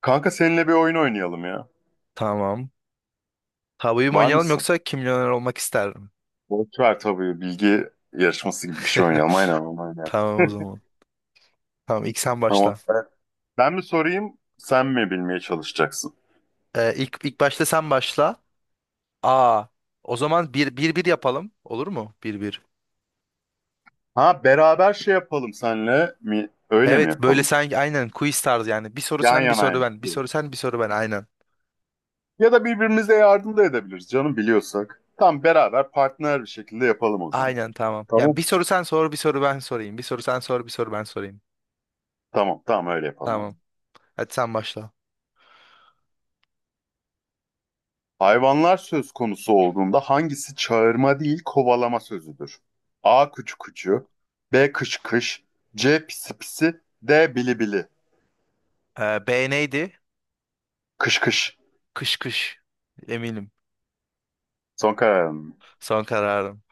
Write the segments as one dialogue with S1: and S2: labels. S1: Kanka seninle bir oyun oynayalım ya.
S2: Tamam. Tabuyu mu
S1: Var
S2: oynayalım
S1: mısın?
S2: yoksa kim milyoner olmak ister?
S1: Boş ver tabii bilgi yarışması gibi bir şey oynayalım. Aynen aynen.
S2: Tamam, o zaman. Tamam, ilk sen başla.
S1: Tamam. Ben mi sorayım sen mi bilmeye çalışacaksın?
S2: İlk başta sen başla. Aa, o zaman bir, bir yapalım. Olur mu? Bir, bir.
S1: Ha beraber şey yapalım senle mi? Öyle mi
S2: Evet, böyle
S1: yapalım?
S2: sanki, aynen, quiz tarzı yani. Bir soru
S1: Yan
S2: sen, bir soru
S1: yanayım.
S2: ben. Bir soru sen, bir soru ben, aynen.
S1: Ya da birbirimize yardım da edebiliriz canım biliyorsak. Tam beraber partner bir şekilde yapalım o zaman.
S2: Aynen, tamam. Yani
S1: Tamam.
S2: bir soru sen sor, bir soru ben sorayım. Bir soru sen sor, bir soru ben sorayım.
S1: Tamam tamam öyle
S2: Tamam.
S1: yapalım.
S2: Hadi sen başla.
S1: Hayvanlar söz konusu olduğunda hangisi çağırma değil kovalama sözüdür? A. Kuçu kuçu B. Kış kış C. Pisi pisi D. Bili bili.
S2: B neydi?
S1: Kış kış.
S2: Kış kış. Eminim.
S1: Son kararın mı?
S2: Son kararım.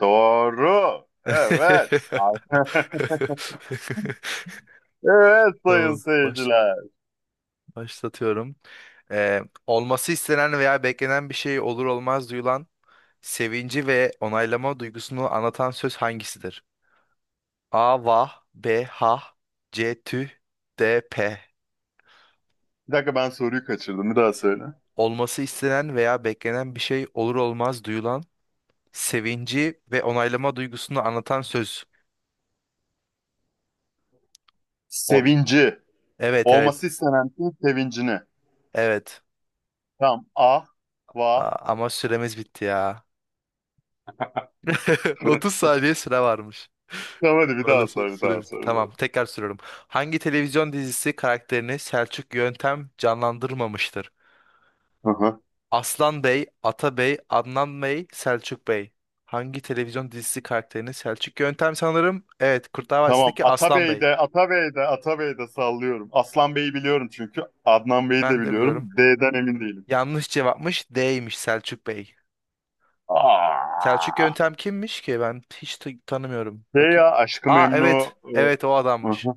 S1: Doğru. Evet. Evet sayın
S2: Tamam.
S1: seyirciler.
S2: Başlatıyorum. Ee, olması istenen veya beklenen bir şey olur olmaz duyulan sevinci ve onaylama duygusunu anlatan söz hangisidir? A. Vah. B. Ha. C. Tüh. D. P.
S1: Bir dakika ben soruyu kaçırdım. Bir daha söyle.
S2: Olması istenen veya beklenen bir şey olur olmaz duyulan sevinci ve onaylama duygusunu anlatan söz. Ol.
S1: Sevinci.
S2: Evet, evet,
S1: Olması istenen şeyin sevincini.
S2: evet.
S1: Tamam. A.
S2: Aa,
S1: Va.
S2: ama süremiz bitti ya. 30 saniye süre varmış.
S1: Tamam hadi bir daha
S2: Maalesef
S1: sor. Bir
S2: süre
S1: daha
S2: bitti.
S1: sor. Bir daha.
S2: Tamam,
S1: sor.
S2: tekrar soruyorum. Hangi televizyon dizisi karakterini Selçuk Yöntem canlandırmamıştır?
S1: Hı hı.
S2: Aslan Bey, Atabey, Adnan Bey, Selçuk Bey. Hangi televizyon dizisi karakterini Selçuk Yöntem, sanırım? Evet, Kurtlar
S1: Tamam.
S2: Vadisi'ndeki Aslan Bey.
S1: Atabey'de, Atabey'de, Atabey'de sallıyorum. Aslan Bey'i biliyorum çünkü. Adnan Bey'i de
S2: Ben de
S1: biliyorum.
S2: biliyorum.
S1: D'den emin değilim.
S2: Yanlış cevapmış, D'ymiş, Selçuk Bey. Selçuk
S1: Aa.
S2: Yöntem kimmiş ki? Ben hiç tanımıyorum.
S1: Şey ya
S2: Bakayım.
S1: Aşkı
S2: Aa,
S1: Memnu.
S2: evet, evet, o
S1: Hı
S2: adammış.
S1: hı.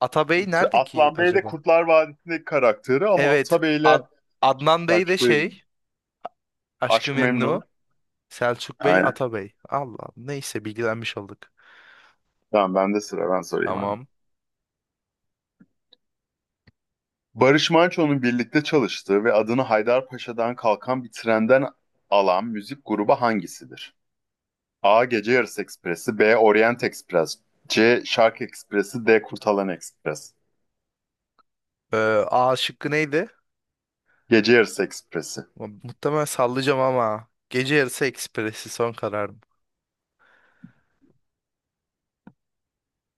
S2: Atabey nerede ki
S1: Aslan Bey de
S2: acaba?
S1: Kurtlar Vadisi'ndeki karakteri ama
S2: Evet.
S1: Atabey'le
S2: Adnan Bey de
S1: Selçuklu'ydum.
S2: şey. Aşk-ı
S1: Aşkı Memnu.
S2: Memnu. Selçuk Bey,
S1: Aynen.
S2: Ata Bey. Allah. Neyse, bilgilenmiş olduk.
S1: Tamam bende sıra ben sorayım abi.
S2: Tamam.
S1: Barış Manço'nun birlikte çalıştığı ve adını Haydarpaşa'dan kalkan bir trenden alan müzik grubu hangisidir? A. Gece Yarısı Ekspresi B. Orient Ekspres C. Şark Ekspresi D. Kurtalan Ekspres.
S2: Ee, A şıkkı neydi?
S1: Gece Yarısı Ekspresi.
S2: Muhtemelen sallayacağım ama. Gece yarısı ekspresi son kararım.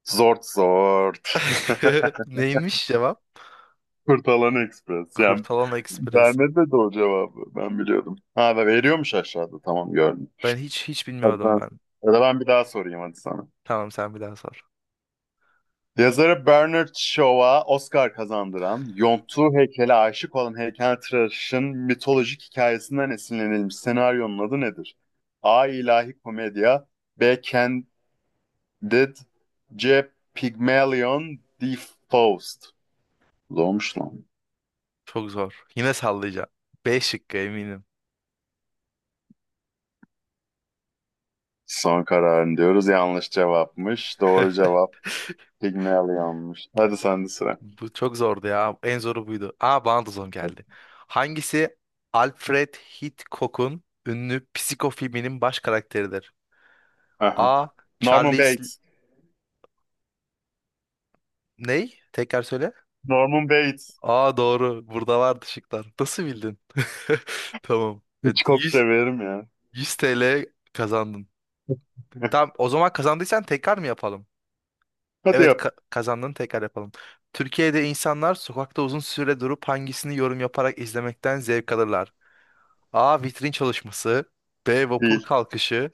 S1: Zort zort.
S2: Neymiş cevap?
S1: Kurtalan Ekspres. Yani
S2: Kurtalan Ekspres.
S1: vermedi de o cevabı. Ben biliyordum. Ha da veriyormuş aşağıda. Tamam gördüm.
S2: Ben hiç
S1: Hadi
S2: bilmiyordum
S1: ben,
S2: ben.
S1: Ya da ben bir daha sorayım hadi sana.
S2: Tamam, sen bir daha sor.
S1: Yazarı Bernard Shaw'a Oscar kazandıran, yonttuğu heykele aşık olan heykeltıraşın mitolojik hikayesinden esinlenilmiş senaryonun adı nedir? A. İlahi Komedya B. Candid C. Pygmalion D. Faust. Zormuş lan.
S2: Çok zor. Yine sallayacağım. B şıkkı eminim.
S1: Son kararın diyoruz. Yanlış cevapmış. Doğru cevap Pygmalion'muş. Hadi sende sıra.
S2: Bu çok zordu ya. En zoru buydu. Aa, bana da zor geldi. Hangisi Alfred Hitchcock'un ünlü Psiko filminin baş karakteridir?
S1: Aha.
S2: A.
S1: Norman
S2: Charles
S1: Bates.
S2: ney? Tekrar söyle.
S1: Norman Bates.
S2: Aa, doğru. Burada vardı şıklar. Nasıl bildin? Tamam. Evet,
S1: Hitchcock
S2: 100,
S1: severim ya.
S2: 100 TL kazandın. Tamam, o zaman kazandıysan tekrar mı yapalım?
S1: Hadi
S2: Evet,
S1: yap.
S2: kazandın, tekrar yapalım. Türkiye'de insanlar sokakta uzun süre durup hangisini yorum yaparak izlemekten zevk alırlar? A. Vitrin çalışması. B. Vapur
S1: Değil.
S2: kalkışı.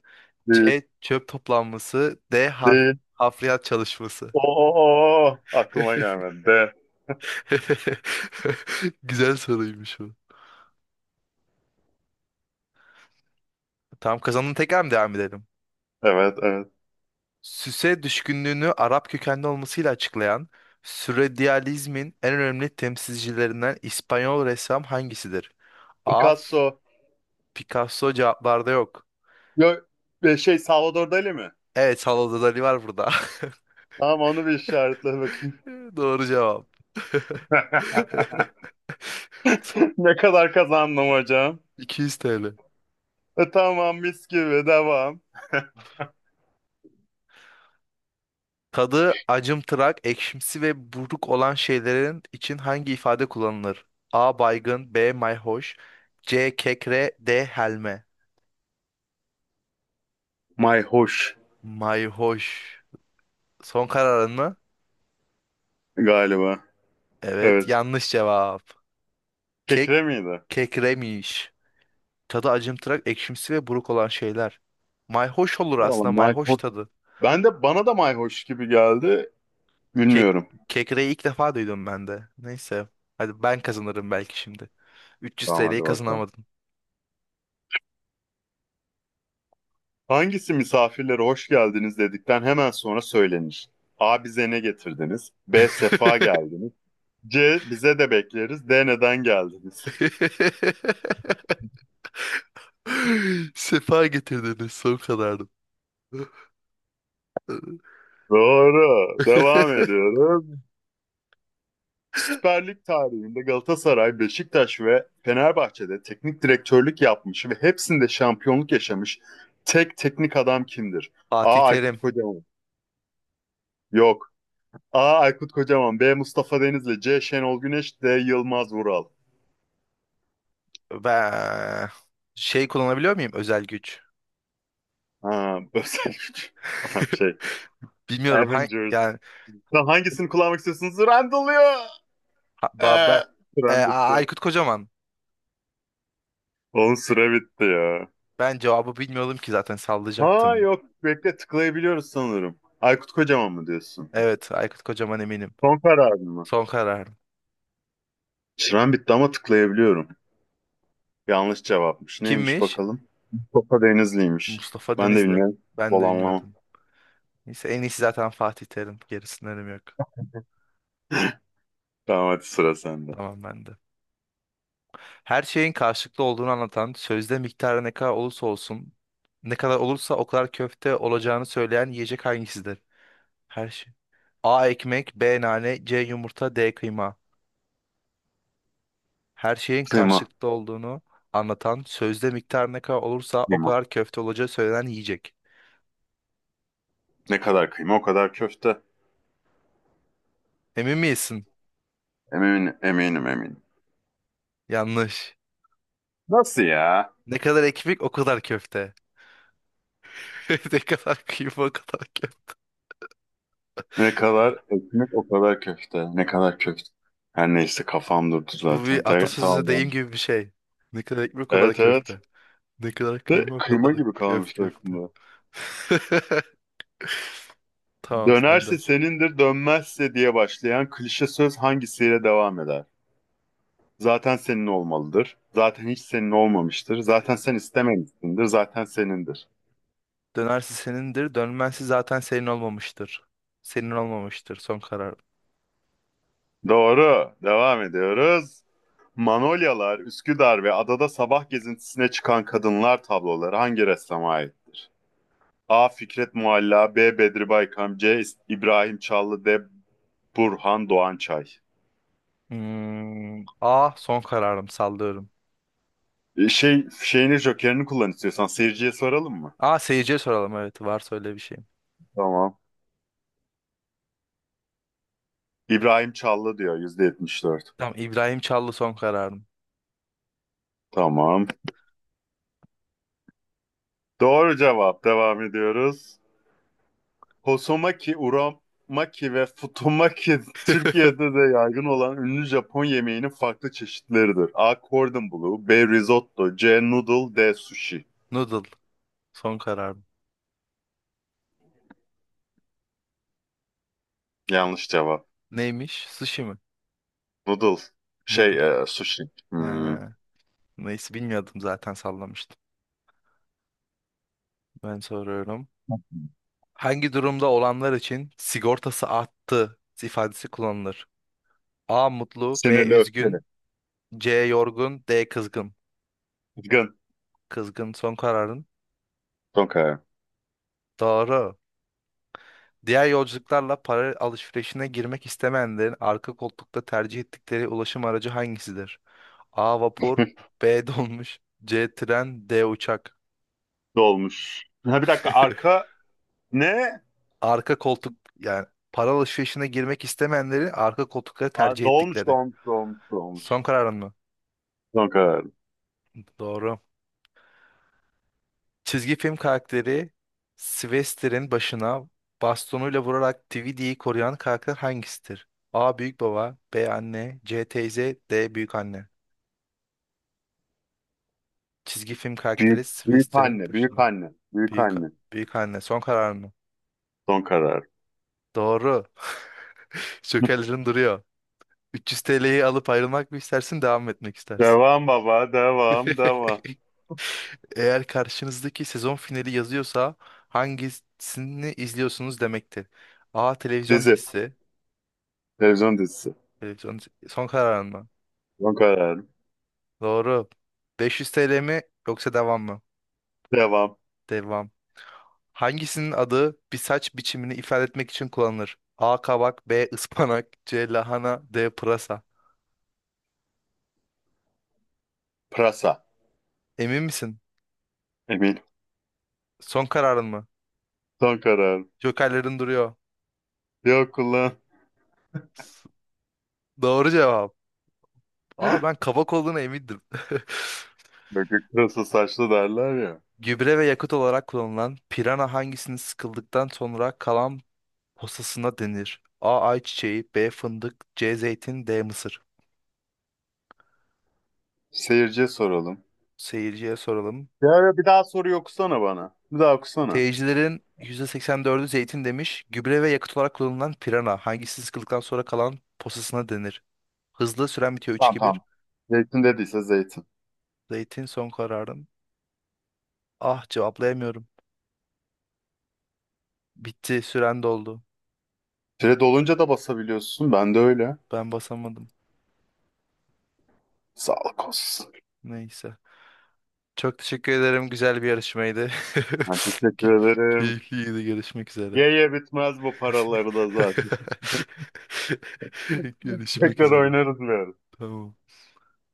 S1: Değil.
S2: C. Çöp toplanması. D.
S1: De
S2: Hafriyat çalışması.
S1: O, o, o. Aklıma gelmedi. De.
S2: Güzel soruymuş bu. Tamam, kazandın, tekrar mı devam edelim?
S1: Evet, evet.
S2: Süse düşkünlüğünü Arap kökenli olmasıyla açıklayan sürrealizmin en önemli temsilcilerinden İspanyol ressam hangisidir? A.
S1: Picasso.
S2: Picasso cevaplarda yok.
S1: Yok, şey Salvador Dali mi?
S2: Evet, Salvador Dali var burada.
S1: Tamam onu bir işaretle bakayım.
S2: Doğru cevap.
S1: Ne kadar kazandım hocam?
S2: 200 TL.
S1: E, tamam mis gibi devam.
S2: Tadı acımtırak, ekşimsi ve buruk olan şeylerin için hangi ifade kullanılır? A. Baygın. B. Mayhoş. C. Kekre. D. Helme.
S1: Mayhoş
S2: Mayhoş. Son kararın mı?
S1: galiba.
S2: Evet,
S1: Evet.
S2: yanlış cevap. Kek
S1: Kekre miydi?
S2: kekremiş. Tadı acımtırak, ekşimsi ve buruk olan şeyler. Mayhoş olur
S1: Vallahi
S2: aslında, mayhoş
S1: mayhoş.
S2: tadı.
S1: Ben de Bana da mayhoş gibi geldi.
S2: Kek
S1: Bilmiyorum.
S2: kekreyi ilk defa duydum ben de. Neyse. Hadi ben kazanırım belki şimdi. 300
S1: Tamam hadi
S2: TL'yi
S1: bakalım.
S2: kazanamadım.
S1: Hangisi misafirlere hoş geldiniz dedikten hemen sonra söylenir? A. Bize ne getirdiniz? B. Sefa geldiniz. C. Bize de bekleriz. D. Neden geldiniz?
S2: Sefa getirdiniz son kadardı.
S1: Doğru. Devam ediyoruz. Süper Lig tarihinde Galatasaray, Beşiktaş ve Fenerbahçe'de teknik direktörlük yapmış ve hepsinde şampiyonluk yaşamış tek teknik adam kimdir?
S2: Fatih
S1: A. Aykut
S2: Terim.
S1: Kocaman. Yok. A. Aykut Kocaman. B. Mustafa Denizli. C. Şenol Güneş. D. Yılmaz Vural.
S2: Ben şey kullanabiliyor muyum, özel güç?
S1: Ha, özel güç. Tamam şey.
S2: Bilmiyorum, ha,
S1: Avengers.
S2: yani,
S1: Lan hangisini kullanmak istiyorsunuz? Randall'ıyor. Ee,
S2: ben,
S1: Süren bitti.
S2: Aykut Kocaman.
S1: Onun süre bitti ya.
S2: Ben cevabı bilmiyordum ki, zaten
S1: Ha
S2: sallayacaktım.
S1: yok. Bekle tıklayabiliyoruz sanırım. Aykut Kocaman mı diyorsun?
S2: Evet, Aykut Kocaman, eminim.
S1: Son kararın mı?
S2: Son kararım.
S1: Süren bitti ama tıklayabiliyorum. Yanlış cevapmış. Neymiş
S2: Kimmiş?
S1: bakalım? Mustafa Denizli'ymiş.
S2: Mustafa
S1: Ben de
S2: Denizli.
S1: bilmiyorum.
S2: Ben
S1: Bol
S2: de
S1: anlamam.
S2: bilmiyordum. Neyse, en iyisi zaten Fatih Terim. Gerisinden önemi yok.
S1: Tamam hadi sıra sende.
S2: Tamam, ben de. Her şeyin karşılıklı olduğunu anlatan, sözde miktarı ne kadar olursa olsun, ne kadar olursa o kadar köfte olacağını söyleyen yiyecek hangisidir? Her şey. A ekmek, B nane, C yumurta, D kıyma. Her şeyin
S1: Kıyma.
S2: karşılıklı olduğunu anlatan, sözde miktarı ne kadar olursa o
S1: Kıyma.
S2: kadar köfte olacağı söylenen yiyecek.
S1: Ne kadar kıyma o kadar köfte.
S2: Emin misin?
S1: Eminim, eminim, eminim.
S2: Yanlış.
S1: Nasıl ya?
S2: Ne kadar ekmek o kadar köfte. Ne kadar kıyma o kadar köfte.
S1: Ne kadar ekmek o kadar köfte. Ne kadar köfte. Her neyse kafam durdu
S2: Bu
S1: zaten.
S2: bir atasözü,
S1: Tamam.
S2: deyim
S1: Lan.
S2: gibi bir şey. Ne kadar ekmek o kadar
S1: Evet evet.
S2: köfte. Ne kadar
S1: De
S2: kıyma o kadar
S1: kıyma gibi
S2: öf
S1: kalmış
S2: köfte.
S1: aklımda.
S2: Tamam, sen de.
S1: Dönerse senindir, dönmezse diye başlayan klişe söz hangisiyle devam eder? Zaten senin olmalıdır. Zaten hiç senin olmamıştır. Zaten sen istememişsindir. Zaten senindir.
S2: Dönersi senindir, dönmezsi zaten senin olmamıştır. Senin olmamıştır son karar.
S1: Doğru. Devam ediyoruz. Manolyalar, Üsküdar ve adada sabah gezintisine çıkan kadınlar tabloları hangi ressama ait? A. Fikret Mualla B. Bedri Baykam C. İbrahim Çallı D. Burhan Doğançay.
S2: Hmm, A son kararım, sallıyorum.
S1: E, Şey şeyini Joker'ini kullan istiyorsan seyirciye soralım mı?
S2: A, seyirciye soralım, evet, var, söyle bir şeyim.
S1: Tamam. İbrahim Çallı diyor %74.
S2: Tamam, İbrahim Çallı son kararım.
S1: Tamam. Doğru cevap. Devam ediyoruz. Hosomaki, uramaki ve futomaki Türkiye'de de yaygın olan ünlü Japon yemeğinin farklı çeşitleridir. A. Cordon Bleu B. Risotto C. Noodle D. Sushi.
S2: Noodle son kararım.
S1: Yanlış cevap.
S2: Neymiş? Sushi mi?
S1: Noodle.
S2: Noodle.
S1: Sushi. Hmm.
S2: He, neyse, bilmiyordum, zaten sallamıştım. Ben soruyorum. Hangi durumda olanlar için sigortası arttı ifadesi kullanılır? A mutlu, B
S1: Sinirli öfkeli.
S2: üzgün, C. Yorgun. D. Kızgın.
S1: Kızgın.
S2: Kızgın son kararın.
S1: Okay.
S2: Doğru. Diğer yolculuklarla para alışverişine girmek istemeyenlerin arka koltukta tercih ettikleri ulaşım aracı hangisidir? A. Vapur. B. Dolmuş. C. Tren. D. Uçak.
S1: Dolmuş. Ha, bir dakika arka ne?
S2: Arka koltuk, yani para alışverişine girmek istemeyenleri arka koltukları
S1: Aa,
S2: tercih
S1: dolmuş
S2: ettikleri.
S1: dolmuş dolmuş dolmuş.
S2: Son kararın mı?
S1: Son karar.
S2: Doğru. Çizgi film karakteri Sylvester'in başına bastonuyla vurarak DVD'yi koruyan karakter hangisidir? A. Büyük baba. B. Anne. C. Teyze. D. Büyük anne. Çizgi film karakteri
S1: Büyük
S2: Sylvester'in
S1: anne, büyük
S2: başına.
S1: anne, büyük
S2: Büyük,
S1: anne.
S2: büyük anne son karar mı?
S1: Son karar.
S2: Doğru. Şökerlerin duruyor. 300 TL'yi alıp ayrılmak mı istersin, devam mı etmek istersin?
S1: Devam baba, devam, devam.
S2: Eğer karşınızdaki sezon finali yazıyorsa hangisini izliyorsunuz demektir. A. Televizyon
S1: Dizi,
S2: dizisi.
S1: televizyon dizisi.
S2: Televizyon son kararın mı?
S1: Son karar.
S2: Doğru. 500 TL mi, yoksa devam mı?
S1: Devam.
S2: Devam. Hangisinin adı bir saç biçimini ifade etmek için kullanılır? A. Kabak. B. ıspanak. C. Lahana. D. Pırasa.
S1: Prasa.
S2: Emin misin?
S1: Emin.
S2: Son kararın mı?
S1: Son karar.
S2: Jokerlerin duruyor.
S1: Yok ulan.
S2: S- Doğru cevap. Aa, ben kabak olduğuna emindim.
S1: Böcek pırasa saçlı derler ya.
S2: Gübre ve yakıt olarak kullanılan pirana hangisinin sıkıldıktan sonra kalan posasına denir? A. Ayçiçeği. B. Fındık. C. Zeytin. D. Mısır.
S1: Seyirciye soralım.
S2: Seyirciye soralım.
S1: Ya bir daha soruyu okusana bana. Bir daha okusana.
S2: Teyicilerin %84'ü zeytin demiş. Gübre ve yakıt olarak kullanılan pirana. Hangisi sıkıldıktan sonra kalan posasına denir? Hızlı süren bitiyor
S1: Tamam
S2: 3-2-1.
S1: tamam. Zeytin dediyse zeytin.
S2: Zeytin son kararım. Ah, cevaplayamıyorum. Bitti, süren doldu.
S1: Pire dolunca da basabiliyorsun. Ben de öyle.
S2: Ben basamadım.
S1: Sağlık olsun.
S2: Neyse. Çok teşekkür ederim. Güzel bir yarışmaydı.
S1: Ben teşekkür
S2: Key-
S1: ederim.
S2: Keyifliydi. Görüşmek üzere.
S1: Ye ye bitmez bu paraları da zaten.
S2: Görüşmek
S1: Tekrar
S2: üzere.
S1: oynarız biraz.
S2: Tamam.